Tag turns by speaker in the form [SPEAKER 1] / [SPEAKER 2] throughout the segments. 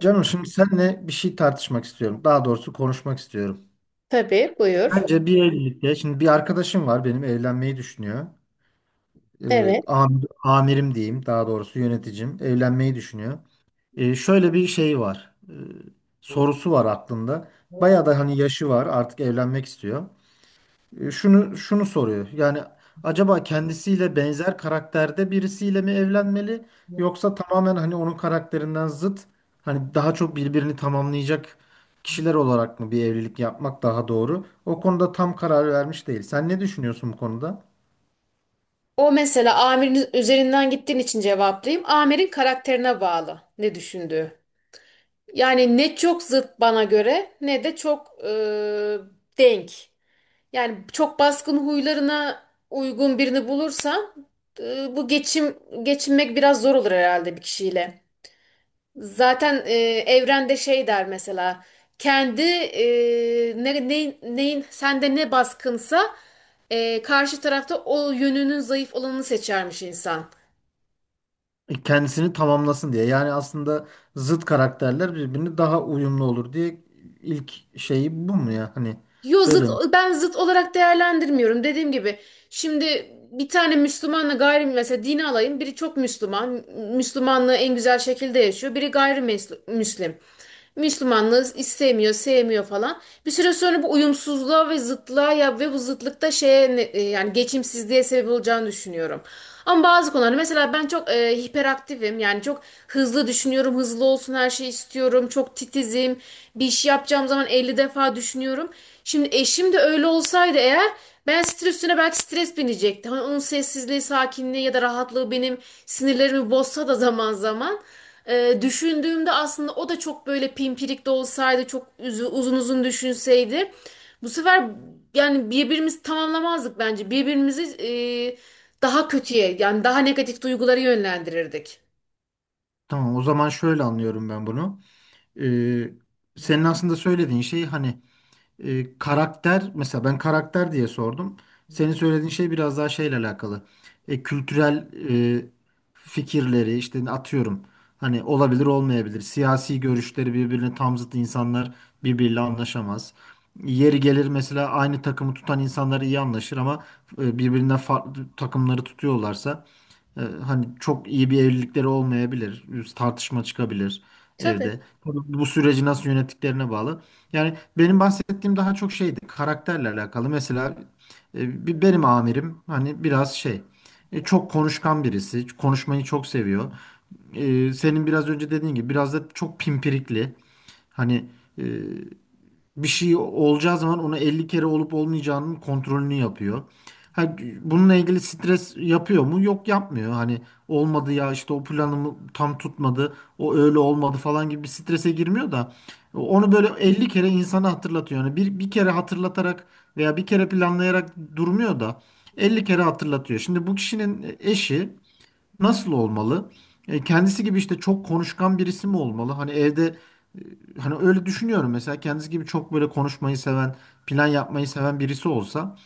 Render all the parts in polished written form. [SPEAKER 1] Canım şimdi seninle bir şey tartışmak istiyorum. Daha doğrusu konuşmak istiyorum.
[SPEAKER 2] Tabii buyur.
[SPEAKER 1] Bence bir evlilikte, şimdi bir arkadaşım var benim evlenmeyi düşünüyor. Ee,
[SPEAKER 2] Evet.
[SPEAKER 1] Amirim diyeyim daha doğrusu yöneticim evlenmeyi düşünüyor. Şöyle bir şey var. Sorusu var aklında. Bayağı da hani yaşı var artık evlenmek istiyor. Şunu şunu soruyor. Yani acaba kendisiyle benzer karakterde birisiyle mi evlenmeli yoksa tamamen hani onun karakterinden zıt hani daha çok birbirini tamamlayacak kişiler olarak mı bir evlilik yapmak daha doğru? O konuda tam karar vermiş değil. Sen ne düşünüyorsun bu konuda?
[SPEAKER 2] O mesela amirin üzerinden gittiğin için cevaplayayım. Amirin karakterine bağlı ne düşündüğü. Yani ne çok zıt bana göre ne de çok denk. Yani çok baskın huylarına uygun birini bulursam bu geçinmek biraz zor olur herhalde bir kişiyle. Zaten evrende şey der mesela kendi neyin sende ne baskınsa karşı tarafta o yönünün zayıf olanını seçermiş insan.
[SPEAKER 1] Kendisini tamamlasın diye. Yani aslında zıt karakterler birbirine daha uyumlu olur diye ilk şeyi bu mu ya? Hani
[SPEAKER 2] Yo zıt
[SPEAKER 1] böyle mi?
[SPEAKER 2] ben olarak değerlendirmiyorum. Dediğim gibi şimdi bir tane Müslümanla gayri mesela dini alayım. Biri çok Müslüman. Müslümanlığı en güzel şekilde yaşıyor. Biri gayrimüslim. Müslümanlığı istemiyor, sevmiyor falan. Bir süre sonra bu uyumsuzluğa ve zıtlığa ya ve bu zıtlıkta yani geçimsizliğe sebep olacağını düşünüyorum. Ama bazı konularda mesela ben çok hiperaktifim. Yani çok hızlı düşünüyorum, hızlı olsun her şeyi istiyorum. Çok titizim. Bir iş yapacağım zaman 50 defa düşünüyorum. Şimdi eşim de öyle olsaydı eğer ben stres üstüne belki stres binecekti. Hani onun sessizliği, sakinliği ya da rahatlığı benim sinirlerimi bozsa da zaman zaman. Düşündüğümde aslında o da çok böyle pimpirik de olsaydı, çok uzun uzun düşünseydi. Bu sefer yani birbirimizi tamamlamazdık bence. Birbirimizi daha kötüye yani daha negatif duyguları yönlendirirdik.
[SPEAKER 1] Tamam o zaman şöyle anlıyorum ben bunu. Ee, Senin aslında söylediğin şey hani karakter, mesela ben karakter diye sordum. Senin söylediğin şey biraz daha şeyle alakalı. Kültürel e, fikirleri işte, atıyorum. Hani olabilir, olmayabilir. Siyasi görüşleri birbirine tam zıt insanlar birbiriyle anlaşamaz. Yeri gelir mesela aynı takımı tutan insanlar iyi anlaşır ama birbirinden farklı takımları tutuyorlarsa hani çok iyi bir evlilikleri olmayabilir. Tartışma çıkabilir
[SPEAKER 2] Tabii.
[SPEAKER 1] evde. Tabii bu süreci nasıl yönettiklerine bağlı. Yani benim bahsettiğim daha çok şeydi, karakterle alakalı. Mesela benim amirim hani biraz şey, çok konuşkan birisi. Konuşmayı çok seviyor. Senin biraz önce dediğin gibi biraz da çok pimpirikli. Hani e, bir şey olacağı zaman ona 50 kere olup olmayacağının kontrolünü yapıyor. Ha, bununla ilgili stres yapıyor mu? Yok, yapmıyor. Hani olmadı ya, işte o planımı tam tutmadı, o öyle olmadı falan gibi bir strese girmiyor da onu böyle 50 kere insana hatırlatıyor. Yani bir kere hatırlatarak veya bir kere planlayarak durmuyor da 50 kere hatırlatıyor. Şimdi bu kişinin eşi nasıl olmalı? Kendisi gibi işte çok konuşkan birisi mi olmalı? Hani evde, e, hani öyle düşünüyorum mesela kendisi gibi çok böyle konuşmayı seven, plan yapmayı seven birisi olsa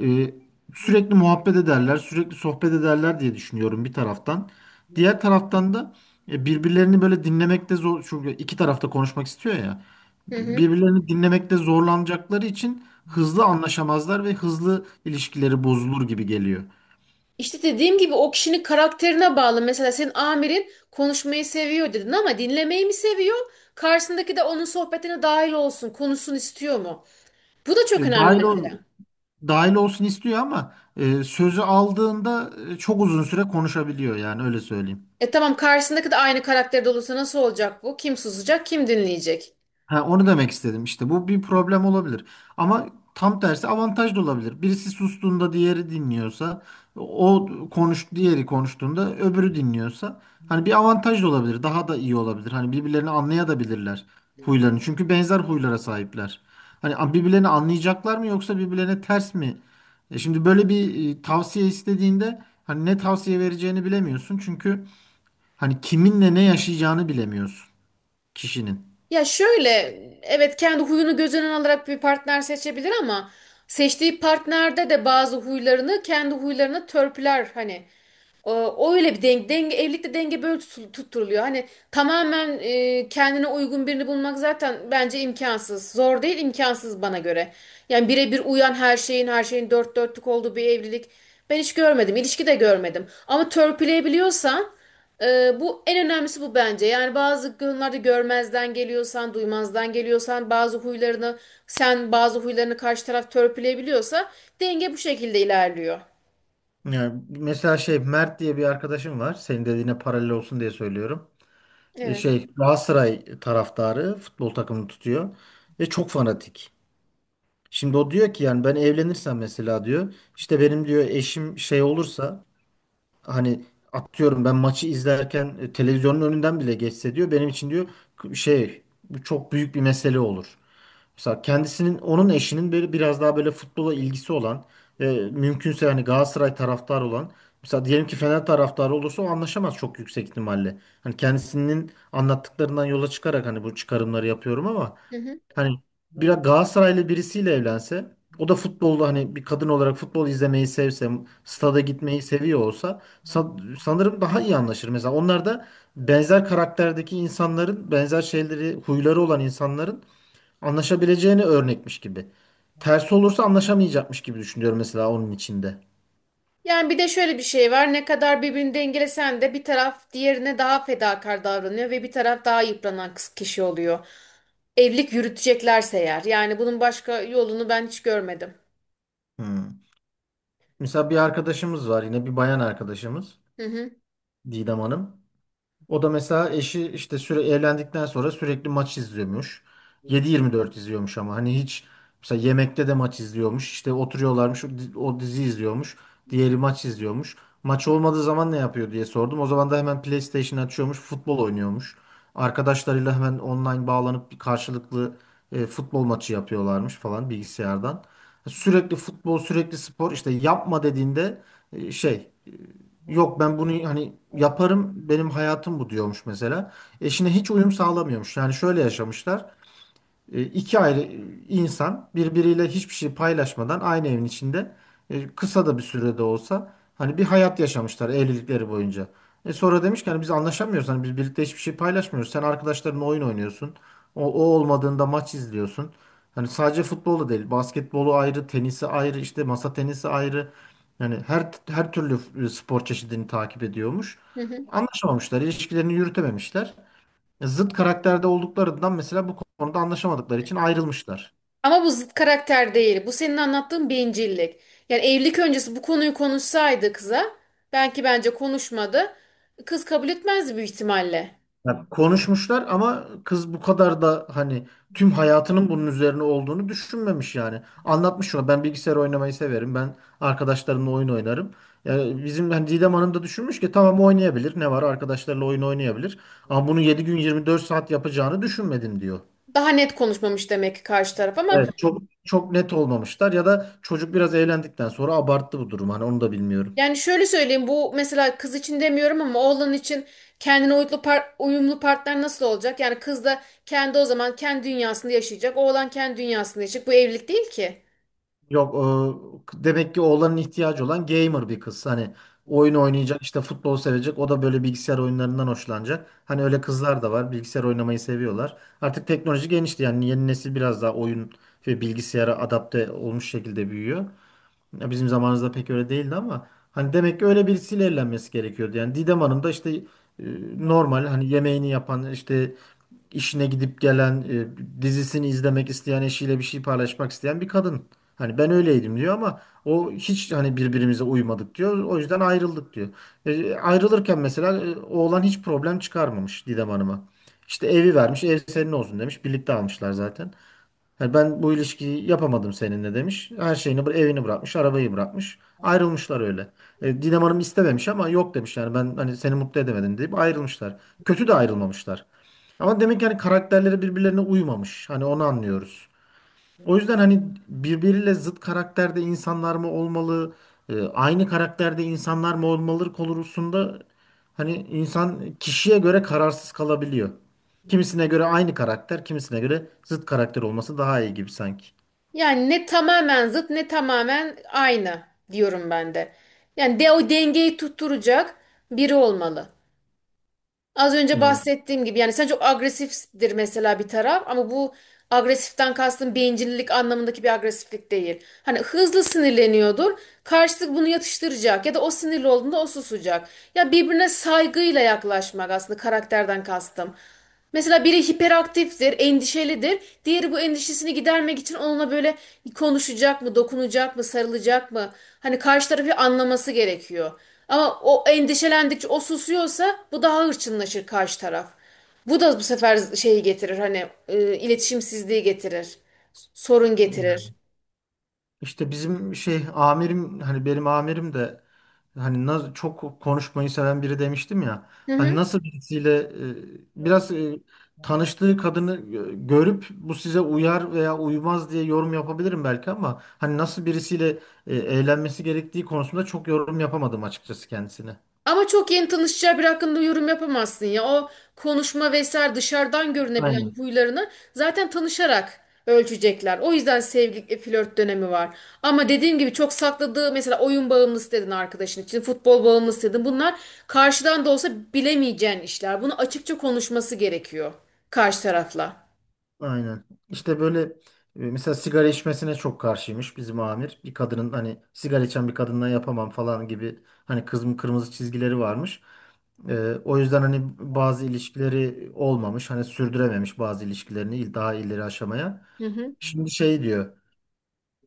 [SPEAKER 1] e, sürekli muhabbet ederler, sürekli sohbet ederler diye düşünüyorum bir taraftan. Diğer taraftan da birbirlerini böyle dinlemekte zor, çünkü iki tarafta konuşmak istiyor ya.
[SPEAKER 2] Hı hı.
[SPEAKER 1] Birbirlerini dinlemekte zorlanacakları için hızlı anlaşamazlar ve hızlı ilişkileri bozulur gibi geliyor.
[SPEAKER 2] İşte dediğim gibi o kişinin karakterine bağlı. Mesela senin amirin konuşmayı seviyor dedin ama dinlemeyi mi seviyor? Karşısındaki de onun sohbetine dahil olsun, konuşsun istiyor mu? Bu da çok
[SPEAKER 1] E,
[SPEAKER 2] önemli
[SPEAKER 1] dahil ol,
[SPEAKER 2] mesela.
[SPEAKER 1] Dahil olsun istiyor ama sözü aldığında çok uzun süre konuşabiliyor, yani öyle söyleyeyim.
[SPEAKER 2] E tamam, karşısındaki de aynı karakterde olursa nasıl olacak bu? Kim susacak, kim dinleyecek?
[SPEAKER 1] Ha, onu demek istedim işte. Bu bir problem olabilir. Ama tam tersi avantaj da olabilir. Birisi sustuğunda diğeri dinliyorsa, o konuş diğeri konuştuğunda öbürü dinliyorsa hani bir avantaj da olabilir. Daha da iyi olabilir. Hani birbirlerini anlayabilirler, huylarını. Çünkü benzer huylara sahipler. Hani birbirlerini anlayacaklar mı yoksa birbirlerine ters mi? Şimdi böyle bir tavsiye istediğinde hani ne tavsiye vereceğini bilemiyorsun. Çünkü hani kiminle ne yaşayacağını bilemiyorsun kişinin.
[SPEAKER 2] Ya şöyle, evet, kendi huyunu göz önüne alarak bir partner seçebilir ama seçtiği partnerde de bazı huylarını kendi huylarına törpüler hani. O öyle bir denge, evlilikte denge böyle tutturuluyor. Hani tamamen kendine uygun birini bulmak zaten bence imkansız. Zor değil, imkansız bana göre. Yani birebir uyan her şeyin dört dörtlük olduğu bir evlilik ben hiç görmedim. İlişki de görmedim. Ama törpüleyebiliyorsan bu en önemlisi bu bence. Yani bazı konularda görmezden geliyorsan, duymazdan geliyorsan, bazı huylarını sen bazı huylarını karşı taraf törpüleyebiliyorsa denge bu şekilde ilerliyor.
[SPEAKER 1] Yani mesela Mert diye bir arkadaşım var. Senin dediğine paralel olsun diye söylüyorum.
[SPEAKER 2] Evet.
[SPEAKER 1] Galatasaray taraftarı, futbol takımını tutuyor ve çok fanatik. Şimdi o diyor ki, yani ben evlenirsem mesela diyor, işte benim diyor eşim şey olursa, hani atıyorum ben maçı izlerken televizyonun önünden bile geçse diyor, benim için diyor k- şey bu çok büyük bir mesele olur. Mesela kendisinin, onun eşinin, böyle biraz daha böyle futbola ilgisi olan ve mümkünse hani Galatasaray taraftarı olan, mesela diyelim ki Fener taraftarı olursa o anlaşamaz çok yüksek ihtimalle. Hani kendisinin anlattıklarından yola çıkarak hani bu çıkarımları yapıyorum ama
[SPEAKER 2] Hı hı.
[SPEAKER 1] hani biraz Galatasaraylı birisiyle evlense, o da futbolda hani bir kadın olarak futbol izlemeyi sevse, stada gitmeyi seviyor olsa sanırım daha iyi anlaşır. Mesela onlar da benzer karakterdeki insanların, benzer şeyleri, huyları olan insanların anlaşabileceğini örnekmiş gibi. Tersi olursa anlaşamayacakmış gibi düşünüyorum mesela onun içinde.
[SPEAKER 2] Yani bir de şöyle bir şey var. Ne kadar birbirini dengelesen de bir taraf diğerine daha fedakar davranıyor ve bir taraf daha yıpranan kişi oluyor. Evlilik yürüteceklerse eğer. Yani bunun başka yolunu ben hiç görmedim.
[SPEAKER 1] Hmm. Mesela bir arkadaşımız var, yine bir bayan arkadaşımız,
[SPEAKER 2] Hı hı.
[SPEAKER 1] Didem Hanım. O da mesela eşi işte, süre evlendikten sonra sürekli maç izliyormuş. 7-24 izliyormuş ama hani hiç, mesela yemekte de maç izliyormuş. İşte oturuyorlarmış, o dizi izliyormuş. Diğeri maç izliyormuş. Maç olmadığı zaman ne yapıyor diye sordum. O zaman da hemen PlayStation açıyormuş, futbol oynuyormuş. Arkadaşlarıyla hemen online bağlanıp bir karşılıklı futbol maçı yapıyorlarmış falan bilgisayardan. Sürekli futbol, sürekli spor. İşte yapma dediğinde e, şey yok, ben bunu hani yaparım, benim hayatım bu diyormuş mesela. Eşine hiç uyum sağlamıyormuş. Yani şöyle yaşamışlar. İki ayrı insan birbiriyle hiçbir şey paylaşmadan aynı evin içinde, kısa da bir sürede olsa, hani bir hayat yaşamışlar evlilikleri boyunca. Sonra demiş ki hani biz anlaşamıyoruz, hani biz birlikte hiçbir şey paylaşmıyoruz. Sen arkadaşlarınla oyun oynuyorsun. O, o olmadığında maç izliyorsun. Hani sadece futbolu değil, basketbolu ayrı, tenisi ayrı, işte masa tenisi ayrı. Yani her türlü spor çeşidini takip ediyormuş.
[SPEAKER 2] Hı hı.
[SPEAKER 1] Anlaşamamışlar, ilişkilerini yürütememişler, zıt karakterde olduklarından, mesela bu konuda anlaşamadıkları için ayrılmışlar.
[SPEAKER 2] Ama bu zıt karakter değil. Bu senin anlattığın bencillik. Yani evlilik öncesi bu konuyu konuşsaydı kıza, belki bence konuşmadı. Kız kabul etmezdi büyük ihtimalle.
[SPEAKER 1] Ya konuşmuşlar ama kız bu kadar da hani tüm hayatının bunun üzerine olduğunu düşünmemiş yani. Anlatmış şuna, ben bilgisayar oynamayı severim, ben arkadaşlarımla oyun oynarım. Ya bizim hani Didem Hanım da düşünmüş ki tamam, oynayabilir, ne var, arkadaşlarıyla oyun oynayabilir. Ama bunu 7 gün 24 saat yapacağını düşünmedim diyor.
[SPEAKER 2] Daha net konuşmamış demek ki karşı taraf ama
[SPEAKER 1] Evet, çok çok net olmamışlar ya da çocuk biraz eğlendikten sonra abarttı bu durum. Hani onu da bilmiyorum.
[SPEAKER 2] yani şöyle söyleyeyim, bu mesela kız için demiyorum ama oğlan için kendine uyumlu, uyumlu partner nasıl olacak? Yani kız da kendi o zaman kendi dünyasında yaşayacak. Oğlan kendi dünyasında yaşayacak. Bu evlilik değil ki.
[SPEAKER 1] Yok, demek ki oğlanın ihtiyacı olan gamer bir kız. Hani oyun oynayacak, işte futbol sevecek, o da böyle bilgisayar oyunlarından hoşlanacak. Hani öyle kızlar da var, bilgisayar oynamayı seviyorlar. Artık teknoloji genişti, yani yeni nesil biraz daha oyun ve bilgisayara adapte olmuş şekilde büyüyor. Ya bizim zamanımızda pek öyle değildi ama hani demek ki öyle birisiyle evlenmesi gerekiyordu. Yani Didem Hanım da işte e, normal, hani yemeğini yapan, işte işine gidip gelen, dizisini izlemek isteyen, eşiyle bir şey paylaşmak isteyen bir kadın. Hani ben öyleydim diyor, ama o hiç hani birbirimize uymadık diyor. O yüzden ayrıldık diyor. Ayrılırken mesela oğlan hiç problem çıkarmamış Didem Hanım'a. İşte evi vermiş, ev senin olsun demiş. Birlikte almışlar zaten. Yani ben bu ilişkiyi yapamadım seninle demiş. Her şeyini, evini bırakmış, arabayı bırakmış. Ayrılmışlar öyle. Didem Hanım istememiş ama yok demiş, yani ben hani seni mutlu edemedim deyip ayrılmışlar. Kötü de ayrılmamışlar. Ama demek ki hani karakterleri birbirlerine uymamış. Hani onu anlıyoruz. O yüzden hani birbiriyle zıt karakterde insanlar mı olmalı, aynı karakterde insanlar mı olmalı konusunda hani insan kişiye göre kararsız kalabiliyor. Kimisine göre aynı karakter, kimisine göre zıt karakter olması daha iyi gibi sanki.
[SPEAKER 2] Yani ne tamamen zıt ne tamamen aynı diyorum ben de. Yani de o dengeyi tutturacak biri olmalı. Az önce
[SPEAKER 1] Hmm.
[SPEAKER 2] bahsettiğim gibi yani sen çok agresiftir mesela bir taraf ama bu agresiften kastım bencillik anlamındaki bir agresiflik değil. Hani hızlı sinirleniyordur. Karşılık bunu yatıştıracak ya da o sinirli olduğunda o susacak. Ya birbirine saygıyla yaklaşmak aslında karakterden kastım. Mesela biri hiperaktiftir, endişelidir. Diğeri bu endişesini gidermek için onunla böyle konuşacak mı, dokunacak mı, sarılacak mı? Hani karşı tarafı anlaması gerekiyor. Ama o endişelendikçe o susuyorsa bu daha hırçınlaşır karşı taraf. Bu da bu sefer şeyi getirir, hani iletişimsizliği getirir, sorun getirir.
[SPEAKER 1] İşte bizim şey amirim, hani benim amirim de hani çok konuşmayı seven biri demiştim ya.
[SPEAKER 2] Hı
[SPEAKER 1] Hani
[SPEAKER 2] hı.
[SPEAKER 1] nasıl birisiyle tanıştığı kadını görüp bu size uyar veya uymaz diye yorum yapabilirim belki, ama hani nasıl birisiyle eğlenmesi gerektiği konusunda çok yorum yapamadım açıkçası kendisine.
[SPEAKER 2] Ama çok yeni tanışacağı bir hakkında yorum yapamazsın ya. O konuşma vesaire dışarıdan görünebilen
[SPEAKER 1] Aynen.
[SPEAKER 2] huylarını zaten tanışarak ölçecekler. O yüzden flört dönemi var. Ama dediğim gibi çok sakladığı, mesela oyun bağımlısı dedin arkadaşın için, futbol bağımlısı dedin. Bunlar karşıdan da olsa bilemeyeceğin işler. Bunu açıkça konuşması gerekiyor karşı tarafla.
[SPEAKER 1] Aynen. İşte böyle mesela sigara içmesine çok karşıymış bizim amir. Bir kadının hani sigara içen bir kadınla yapamam falan gibi hani, kızım, kırmızı çizgileri varmış. O yüzden hani bazı ilişkileri olmamış. Hani sürdürememiş bazı ilişkilerini, daha ileri aşamaya.
[SPEAKER 2] Hı hı.
[SPEAKER 1] Şimdi şey diyor,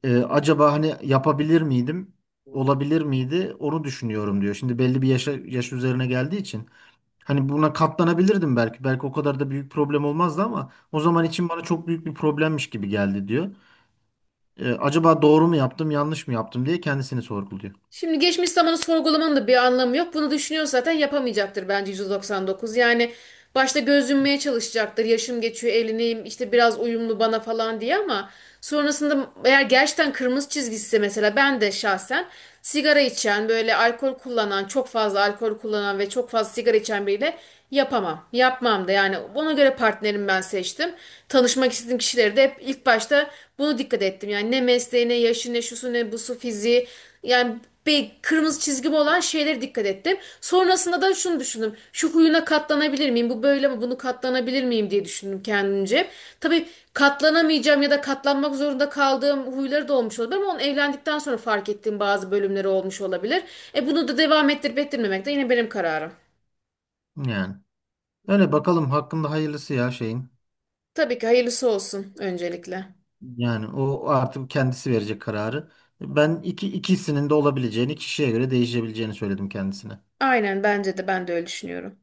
[SPEAKER 1] acaba hani yapabilir miydim? Olabilir miydi? Onu düşünüyorum diyor. Şimdi belli bir yaşa, yaş üzerine geldiği için. Hani buna katlanabilirdim belki. Belki o kadar da büyük problem olmazdı ama o zaman için bana çok büyük bir problemmiş gibi geldi diyor. Acaba doğru mu yaptım, yanlış mı yaptım diye kendisini sorguluyor.
[SPEAKER 2] Şimdi geçmiş zamanı sorgulamanın da bir anlamı yok. Bunu düşünüyor zaten yapamayacaktır bence 199. Yani başta gözünmeye çalışacaktır. Yaşım geçiyor, evleneyim, işte biraz uyumlu bana falan diye ama sonrasında eğer gerçekten kırmızı çizgisi, mesela ben de şahsen sigara içen, böyle alkol kullanan, çok fazla alkol kullanan ve çok fazla sigara içen biriyle yapamam. Yapmam da, yani ona göre partnerimi ben seçtim. Tanışmak istediğim kişileri de hep ilk başta bunu dikkat ettim. Yani ne mesleği, ne yaşı, ne şusu, ne busu, fiziği. Yani bir kırmızı çizgim olan şeylere dikkat ettim. Sonrasında da şunu düşündüm. Şu huyuna katlanabilir miyim? Bu böyle mi? Bunu katlanabilir miyim diye düşündüm kendimce. Tabii katlanamayacağım ya da katlanmak zorunda kaldığım huyları da olmuş olabilir ama onu evlendikten sonra fark ettiğim bazı bölümleri olmuş olabilir. E bunu da devam ettirip ettirmemek de yine benim kararım.
[SPEAKER 1] Yani öyle, bakalım hakkında hayırlısı ya şeyin.
[SPEAKER 2] Tabii ki hayırlısı olsun öncelikle.
[SPEAKER 1] Yani o artık kendisi verecek kararı. Ben ikisinin de olabileceğini, kişiye göre değişebileceğini söyledim kendisine.
[SPEAKER 2] Aynen, bence de ben de öyle düşünüyorum.